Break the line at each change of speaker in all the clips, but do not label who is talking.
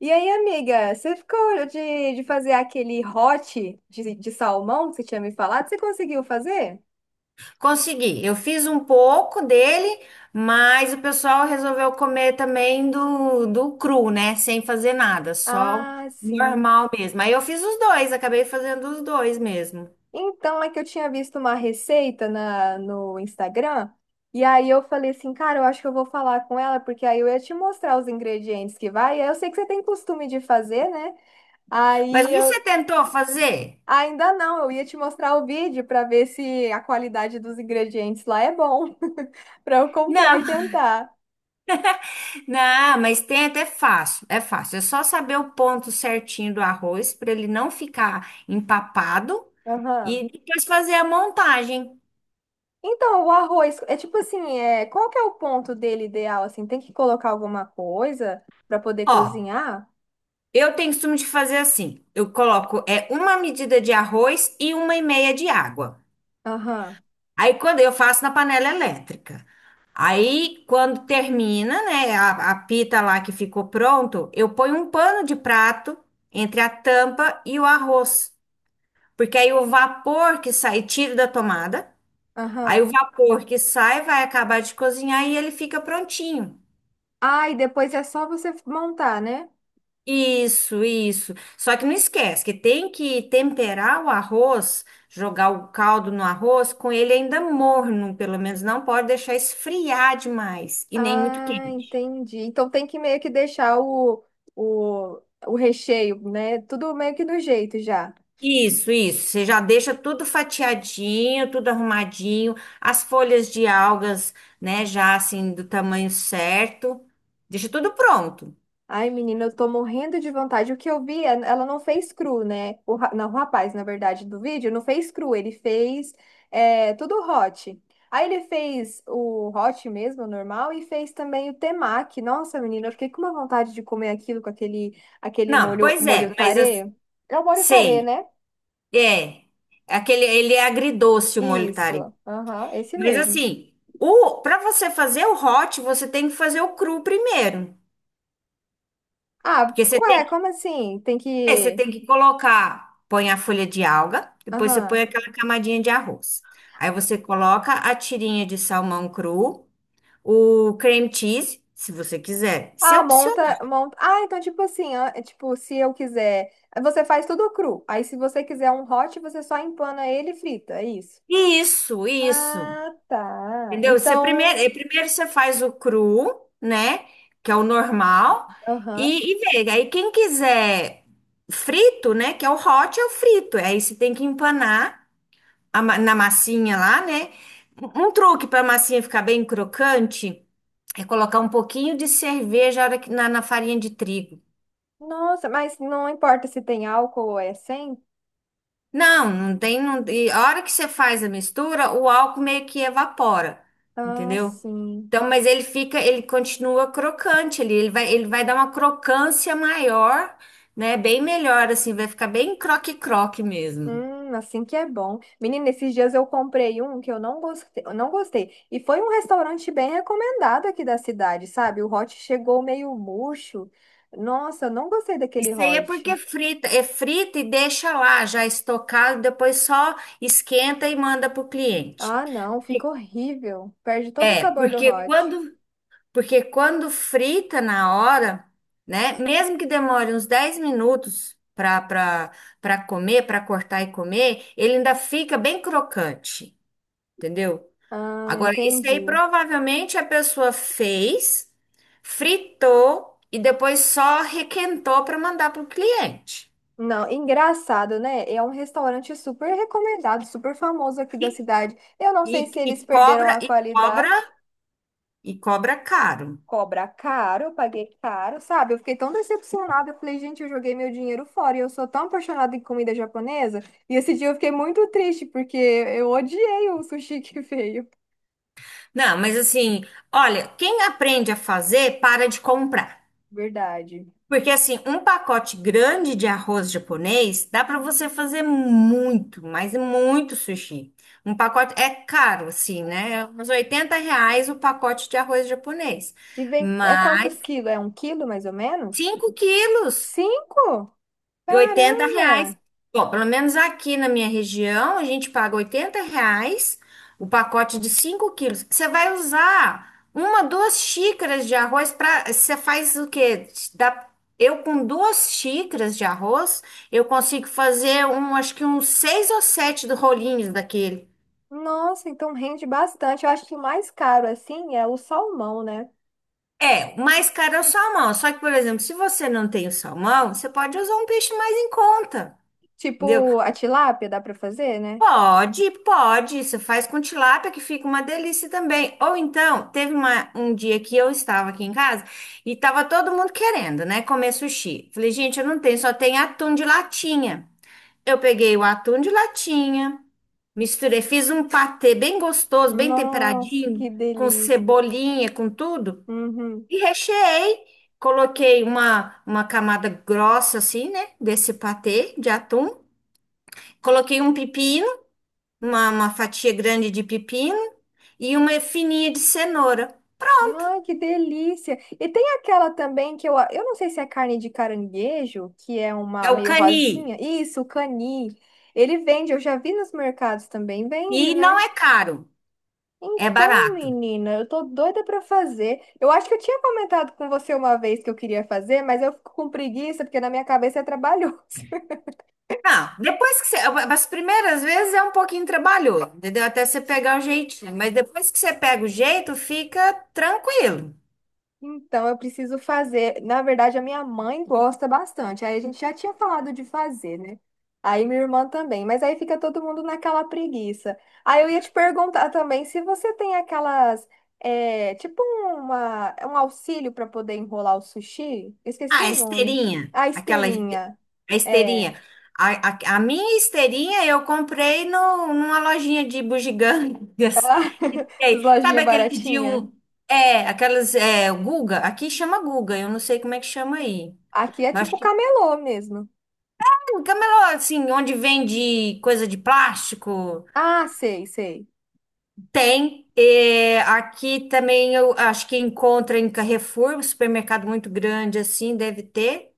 E aí, amiga, você ficou de fazer aquele hot de salmão que você tinha me falado? Você conseguiu fazer?
Consegui. Eu fiz um pouco dele, mas o pessoal resolveu comer também do cru, né? Sem fazer nada, só
Ah, sim.
normal mesmo. Aí eu fiz os dois, acabei fazendo os dois mesmo.
Então, é que eu tinha visto uma receita no Instagram, e aí eu falei assim, cara, eu acho que eu vou falar com ela, porque aí eu ia te mostrar os ingredientes que vai, e aí eu sei que você tem costume de fazer, né?
Mas
Aí eu
você tentou fazer?
ainda não, eu ia te mostrar o vídeo para ver se a qualidade dos ingredientes lá é bom, para eu comprar e
Não,
tentar.
não, mas tem até fácil. É só saber o ponto certinho do arroz para ele não ficar empapado
Aham.
e depois fazer a montagem.
Então, o arroz, é tipo assim, é, qual que é o ponto dele ideal, assim? Tem que colocar alguma coisa para poder
Ó.
cozinhar?
Eu tenho costume de fazer assim. Eu coloco é uma medida de arroz e uma e meia de água.
Aham,
Aí quando eu faço na panela elétrica. Aí quando termina, né, a pita lá que ficou pronto, eu ponho um pano de prato entre a tampa e o arroz, porque aí o vapor que sai, tiro da tomada, aí o
aham.
vapor que sai vai acabar de cozinhar e ele fica prontinho.
Ah, e depois é só você montar, né?
Isso, isso. Só que não esquece que tem que temperar o arroz, jogar o caldo no arroz com ele ainda morno, pelo menos não pode deixar esfriar demais e nem muito
Ah,
quente.
entendi. Então tem que meio que deixar o, o recheio, né? Tudo meio que do jeito já.
Isso, isso. Você já deixa tudo fatiadinho, tudo arrumadinho, as folhas de algas, né, já assim do tamanho certo. Deixa tudo pronto.
Ai, menina, eu tô morrendo de vontade. O que eu vi, é- ela não fez cru, né? O, ra- não, o rapaz, na verdade, do vídeo, não fez cru, ele fez é, tudo hot. Aí ele fez o hot mesmo, o normal, e fez também o temaki. Nossa, menina, eu fiquei com uma vontade de comer aquilo com aquele, aquele
Não,
molho,
pois é,
molho
mas as-
tarê. É o molho tarê,
sei.
né?
É. Aquele, ele é agridoce o molho tarê.
Isso, aham, esse
Mas
mesmo.
assim, o para você fazer o hot, você tem que fazer o cru primeiro.
Ah,
Porque você tem
ué,
que,
como assim? Tem
é, você
que...
tem que colocar, põe a folha de alga, depois você põe
Aham.
aquela camadinha de arroz. Aí você coloca a tirinha de salmão cru, o cream cheese, se você quiser. Isso é
Ah,
opcional.
monta, monta. Ah, então tipo assim, ah, é tipo, se eu quiser, você faz tudo cru. Aí se você quiser um hot, você só empana ele e frita, é isso.
Isso, isso.
Ah, tá.
Entendeu? Você primeiro,
Então,
primeiro você faz o cru, né? Que é o normal,
aham.
e vê. Aí quem quiser frito, né? Que é o hot, é o frito. Aí você tem que empanar a ma- na massinha lá, né? Um truque para a massinha ficar bem crocante é colocar um pouquinho de cerveja na, hora que- na na farinha de trigo.
Nossa, mas não importa se tem álcool ou é sem?
Não, não tem. Não, e a hora que você faz a mistura, o álcool meio que evapora,
Ah,
entendeu?
sim.
Então, mas ele fica, ele continua crocante ali, ele vai dar uma crocância maior, né? Bem melhor, assim, vai ficar bem croque-croque mesmo.
Assim que é bom. Menina, esses dias eu comprei um que eu não gostei, eu não gostei. E foi um restaurante bem recomendado aqui da cidade, sabe? O hot chegou meio murcho. Nossa, eu não gostei daquele
Isso aí é
hot.
porque frita, é frita e deixa lá já estocado, depois só esquenta e manda pro cliente.
Ah, não, fica horrível. Perde todo o
É,
sabor do
porque
hot.
quando porque quando frita na hora, né? Mesmo que demore uns 10 minutos para para comer, para cortar e comer, ele ainda fica bem crocante, entendeu?
Ah,
Agora, isso aí
entendi.
provavelmente a pessoa fez, fritou e depois só requentou para mandar para o cliente.
Não, engraçado, né? É um restaurante super recomendado, super famoso aqui
E,
da cidade. Eu não sei
e,
se eles
e
perderam
cobra
a qualidade.
caro.
Cobra caro, eu paguei caro, sabe? Eu fiquei tão decepcionada. Eu falei, gente, eu joguei meu dinheiro fora e eu sou tão apaixonada em comida japonesa. E esse dia eu fiquei muito triste porque eu odiei o sushi que veio.
Não, mas assim, olha, quem aprende a fazer, para de comprar.
Verdade.
Porque assim, um pacote grande de arroz japonês dá para você fazer muito, mas muito sushi. Um pacote é caro, assim, né? É uns 80 reais o pacote de arroz japonês.
E vem, é quantos
Mas
quilos? É um quilo mais ou menos?
5 quilos.
Cinco?
E 80 reais.
Caramba!
Bom, pelo menos aqui na minha região, a gente paga 80 reais o pacote de 5 quilos. Você vai usar uma, duas xícaras de arroz para. Você faz o quê? Dá, eu com duas xícaras de arroz, eu consigo fazer um, acho que uns seis ou sete do rolinhos daquele.
Nossa, então rende bastante. Eu acho que o mais caro assim é o salmão, né?
É, o mais caro é o salmão. Só que, por exemplo, se você não tem o salmão, você pode usar um peixe mais em conta. Entendeu?
Tipo, a tilápia dá pra fazer, né?
Pode, pode. Você faz com tilápia que fica uma delícia também. Ou então, teve uma- um dia que eu estava aqui em casa e estava todo mundo querendo, né, comer sushi. Falei, gente, eu não tenho, só tem atum de latinha. Eu peguei o atum de latinha, misturei, fiz um patê bem gostoso, bem
Nossa, que
temperadinho, com
delícia.
cebolinha, com tudo,
Uhum.
e recheei. Coloquei uma camada grossa assim, né, desse patê de atum. Coloquei um pepino uma fatia grande de pepino e uma fininha de cenoura.
Ai, que delícia. E tem aquela também que eu não sei se é carne de caranguejo, que é uma
É o
meio
cani.
rosinha. Isso, o cani. Ele vende, eu já vi nos mercados também, vende,
E não
né?
é caro, é
Então,
barato.
menina, eu tô doida pra fazer. Eu acho que eu tinha comentado com você uma vez que eu queria fazer, mas eu fico com preguiça porque na minha cabeça é trabalhoso.
Não, depois que você. As primeiras vezes é um pouquinho trabalhoso, entendeu? Até você pegar o jeitinho. Mas depois que você pega o jeito, fica tranquilo.
Então, eu preciso fazer. Na verdade, a minha mãe gosta bastante. Aí a gente já tinha falado de fazer, né? Aí minha irmã também. Mas aí fica todo mundo naquela preguiça. Aí eu ia te perguntar também se você tem aquelas. É, tipo uma, um auxílio para poder enrolar o sushi. Eu esqueci
Ah, a
o nome.
esteirinha,
A
aquela este-
esteirinha.
a
É.
esteirinha. A minha esteirinha eu comprei no, numa lojinha de bugigangas que
As
tem. Sabe
lojinhas
aqueles de
baratinhas.
um. É, aquelas. É, Guga, aqui chama Guga, eu não sei como é que chama aí.
Aqui é
Mas acho
tipo
que
camelô mesmo.
tem um camelô, assim, onde vende coisa de plástico,
Ah, sei, sei.
tem. É, aqui também eu acho que encontra em Carrefour, um supermercado muito grande assim, deve ter.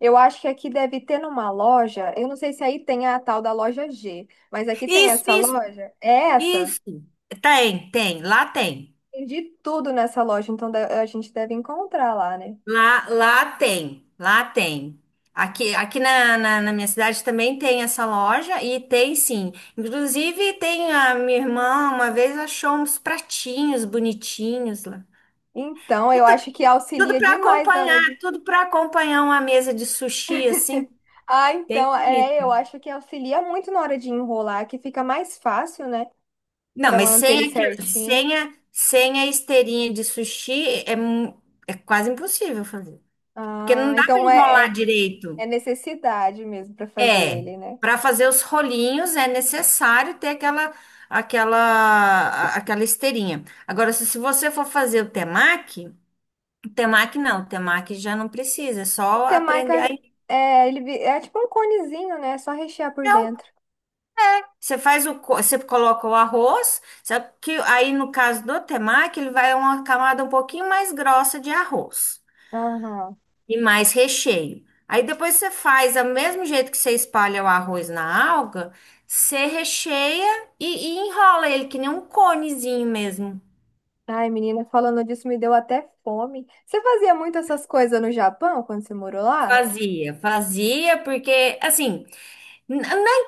Eu acho que aqui deve ter numa loja. Eu não sei se aí tem a tal da loja G, mas aqui tem
Isso,
essa
isso.
loja. É essa?
Isso. Tem, tem, lá tem.
Tem de tudo nessa loja, então de- a gente deve encontrar lá, né?
Lá tem, lá tem. Aqui, aqui na minha cidade também tem essa loja e tem sim. Inclusive, tem a minha irmã uma vez achou uns pratinhos bonitinhos lá.
Então, eu
Tudo,
acho que auxilia demais na hora de.
tudo para acompanhar uma mesa de sushi assim,
Ah,
bem
então, é, eu
bonita.
acho que auxilia muito na hora de enrolar, que fica mais fácil, né?
Não,
Pra
mas
manter
sem,
ele
aquele-
certinho.
sem, a, sem a esteirinha de sushi é, mu- é quase impossível fazer. Porque
Ah,
não dá para
então é,
enrolar
é
direito.
é necessidade mesmo pra fazer
É,
ele, né?
para fazer os rolinhos é necessário ter aquela aquela a- aquela esteirinha. Agora, se você for fazer o temaki não, o temaki já não precisa, é
O
só
temaki
aprender. Aí,
é, ele vi- é tipo um conezinho, né? É só rechear por
não,
dentro.
você faz o co- você coloca o arroz, só que aí no caso do temaki, ele vai uma camada um pouquinho mais grossa de arroz.
Aham.
E mais recheio. Aí depois você faz, do mesmo jeito que você espalha o arroz na alga, você recheia e enrola ele, que nem um conezinho mesmo.
Ai, menina, falando disso me deu até fome. Você fazia muito essas coisas no Japão quando você morou lá?
Fazia, fazia, porque, assim, n-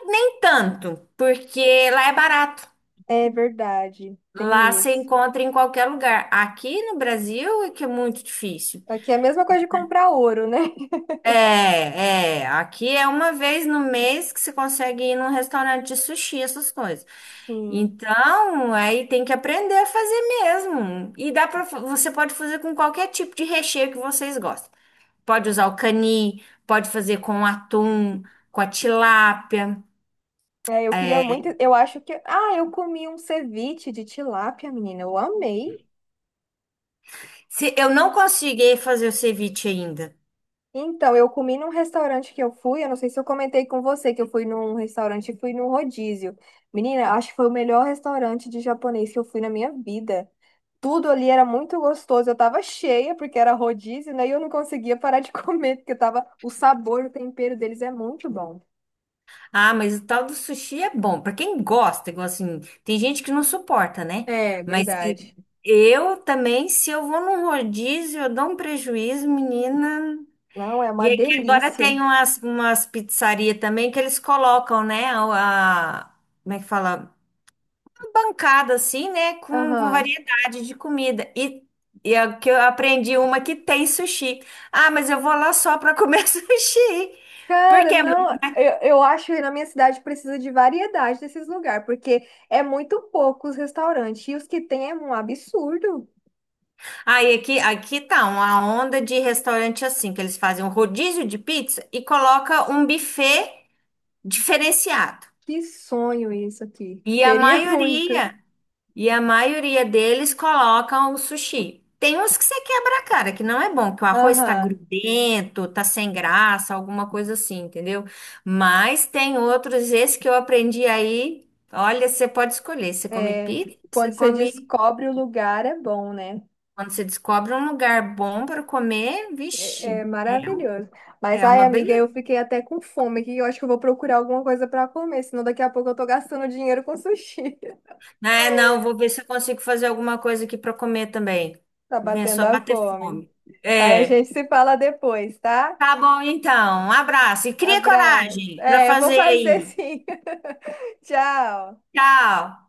nem tanto, porque lá é barato.
É verdade,
Lá
tem
você
isso.
encontra em qualquer lugar. Aqui no Brasil é que é muito difícil.
Aqui é a mesma coisa de comprar ouro, né?
É, é. Aqui é uma vez no mês que você consegue ir num restaurante de sushi, essas coisas.
Sim.
Então, aí tem que aprender a fazer mesmo. E dá para você pode fazer com qualquer tipo de recheio que vocês gostam. Pode usar o cani, pode fazer com atum, com a tilápia.
É, eu queria
É,
muito. Eu acho que. Ah, eu comi um ceviche de tilápia, menina. Eu amei.
se eu não consegui fazer o ceviche ainda.
Então, eu comi num restaurante que eu fui, eu não sei se eu comentei com você que eu fui num restaurante fui num rodízio. Menina, acho que foi o melhor restaurante de japonês que eu fui na minha vida. Tudo ali era muito gostoso. Eu tava cheia porque era rodízio, né? E eu não conseguia parar de comer porque tava o sabor, o tempero deles é muito bom.
Ah, mas o tal do sushi é bom. Pra quem gosta, igual assim, tem gente que não suporta, né?
É,
Mas e-
verdade.
eu também, se eu vou num rodízio, eu dou um prejuízo, menina.
Não, é
E
uma
é que agora
delícia.
tem umas, umas pizzarias também que eles colocam, né? A- como é que fala? Uma bancada assim, né? Com
Aham.
variedade de comida. E a, que eu aprendi uma que tem sushi. Ah, mas eu vou lá só para comer sushi. Por
Cara,
quê?
não, eu acho que na minha cidade precisa de variedade desses lugares, porque é muito pouco os restaurantes, e os que tem é um absurdo.
Aí aqui, aqui tá uma onda de restaurante assim, que eles fazem um rodízio de pizza e coloca um buffet diferenciado.
Que sonho isso aqui.
E a
Queria muito.
maioria. E a maioria deles colocam o sushi. Tem uns que você quebra a cara, que não é bom, que o arroz tá
Aham.
grudento, tá sem graça, alguma coisa assim, entendeu? Mas tem outros, esse que eu aprendi aí. Olha, você pode escolher. Você come
É,
pizza, você
quando você
come.
descobre o lugar, é bom, né?
Quando você descobre um lugar bom para comer,
É,
vixe,
é
é, um-
maravilhoso. Mas,
é
ai,
uma
amiga, eu
beleza.
fiquei até com fome aqui. Eu acho que eu vou procurar alguma coisa para comer, senão daqui a pouco eu tô gastando dinheiro com sushi.
É, não, vou ver se eu consigo fazer alguma coisa aqui para comer também.
Tá
Vem
batendo
só
a
bater
fome.
fome.
Aí a
É.
gente se fala depois, tá?
Tá bom, então. Um abraço e cria
Abraço.
coragem para
É, eu vou
fazer
fazer
aí.
sim. Tchau.
Tchau.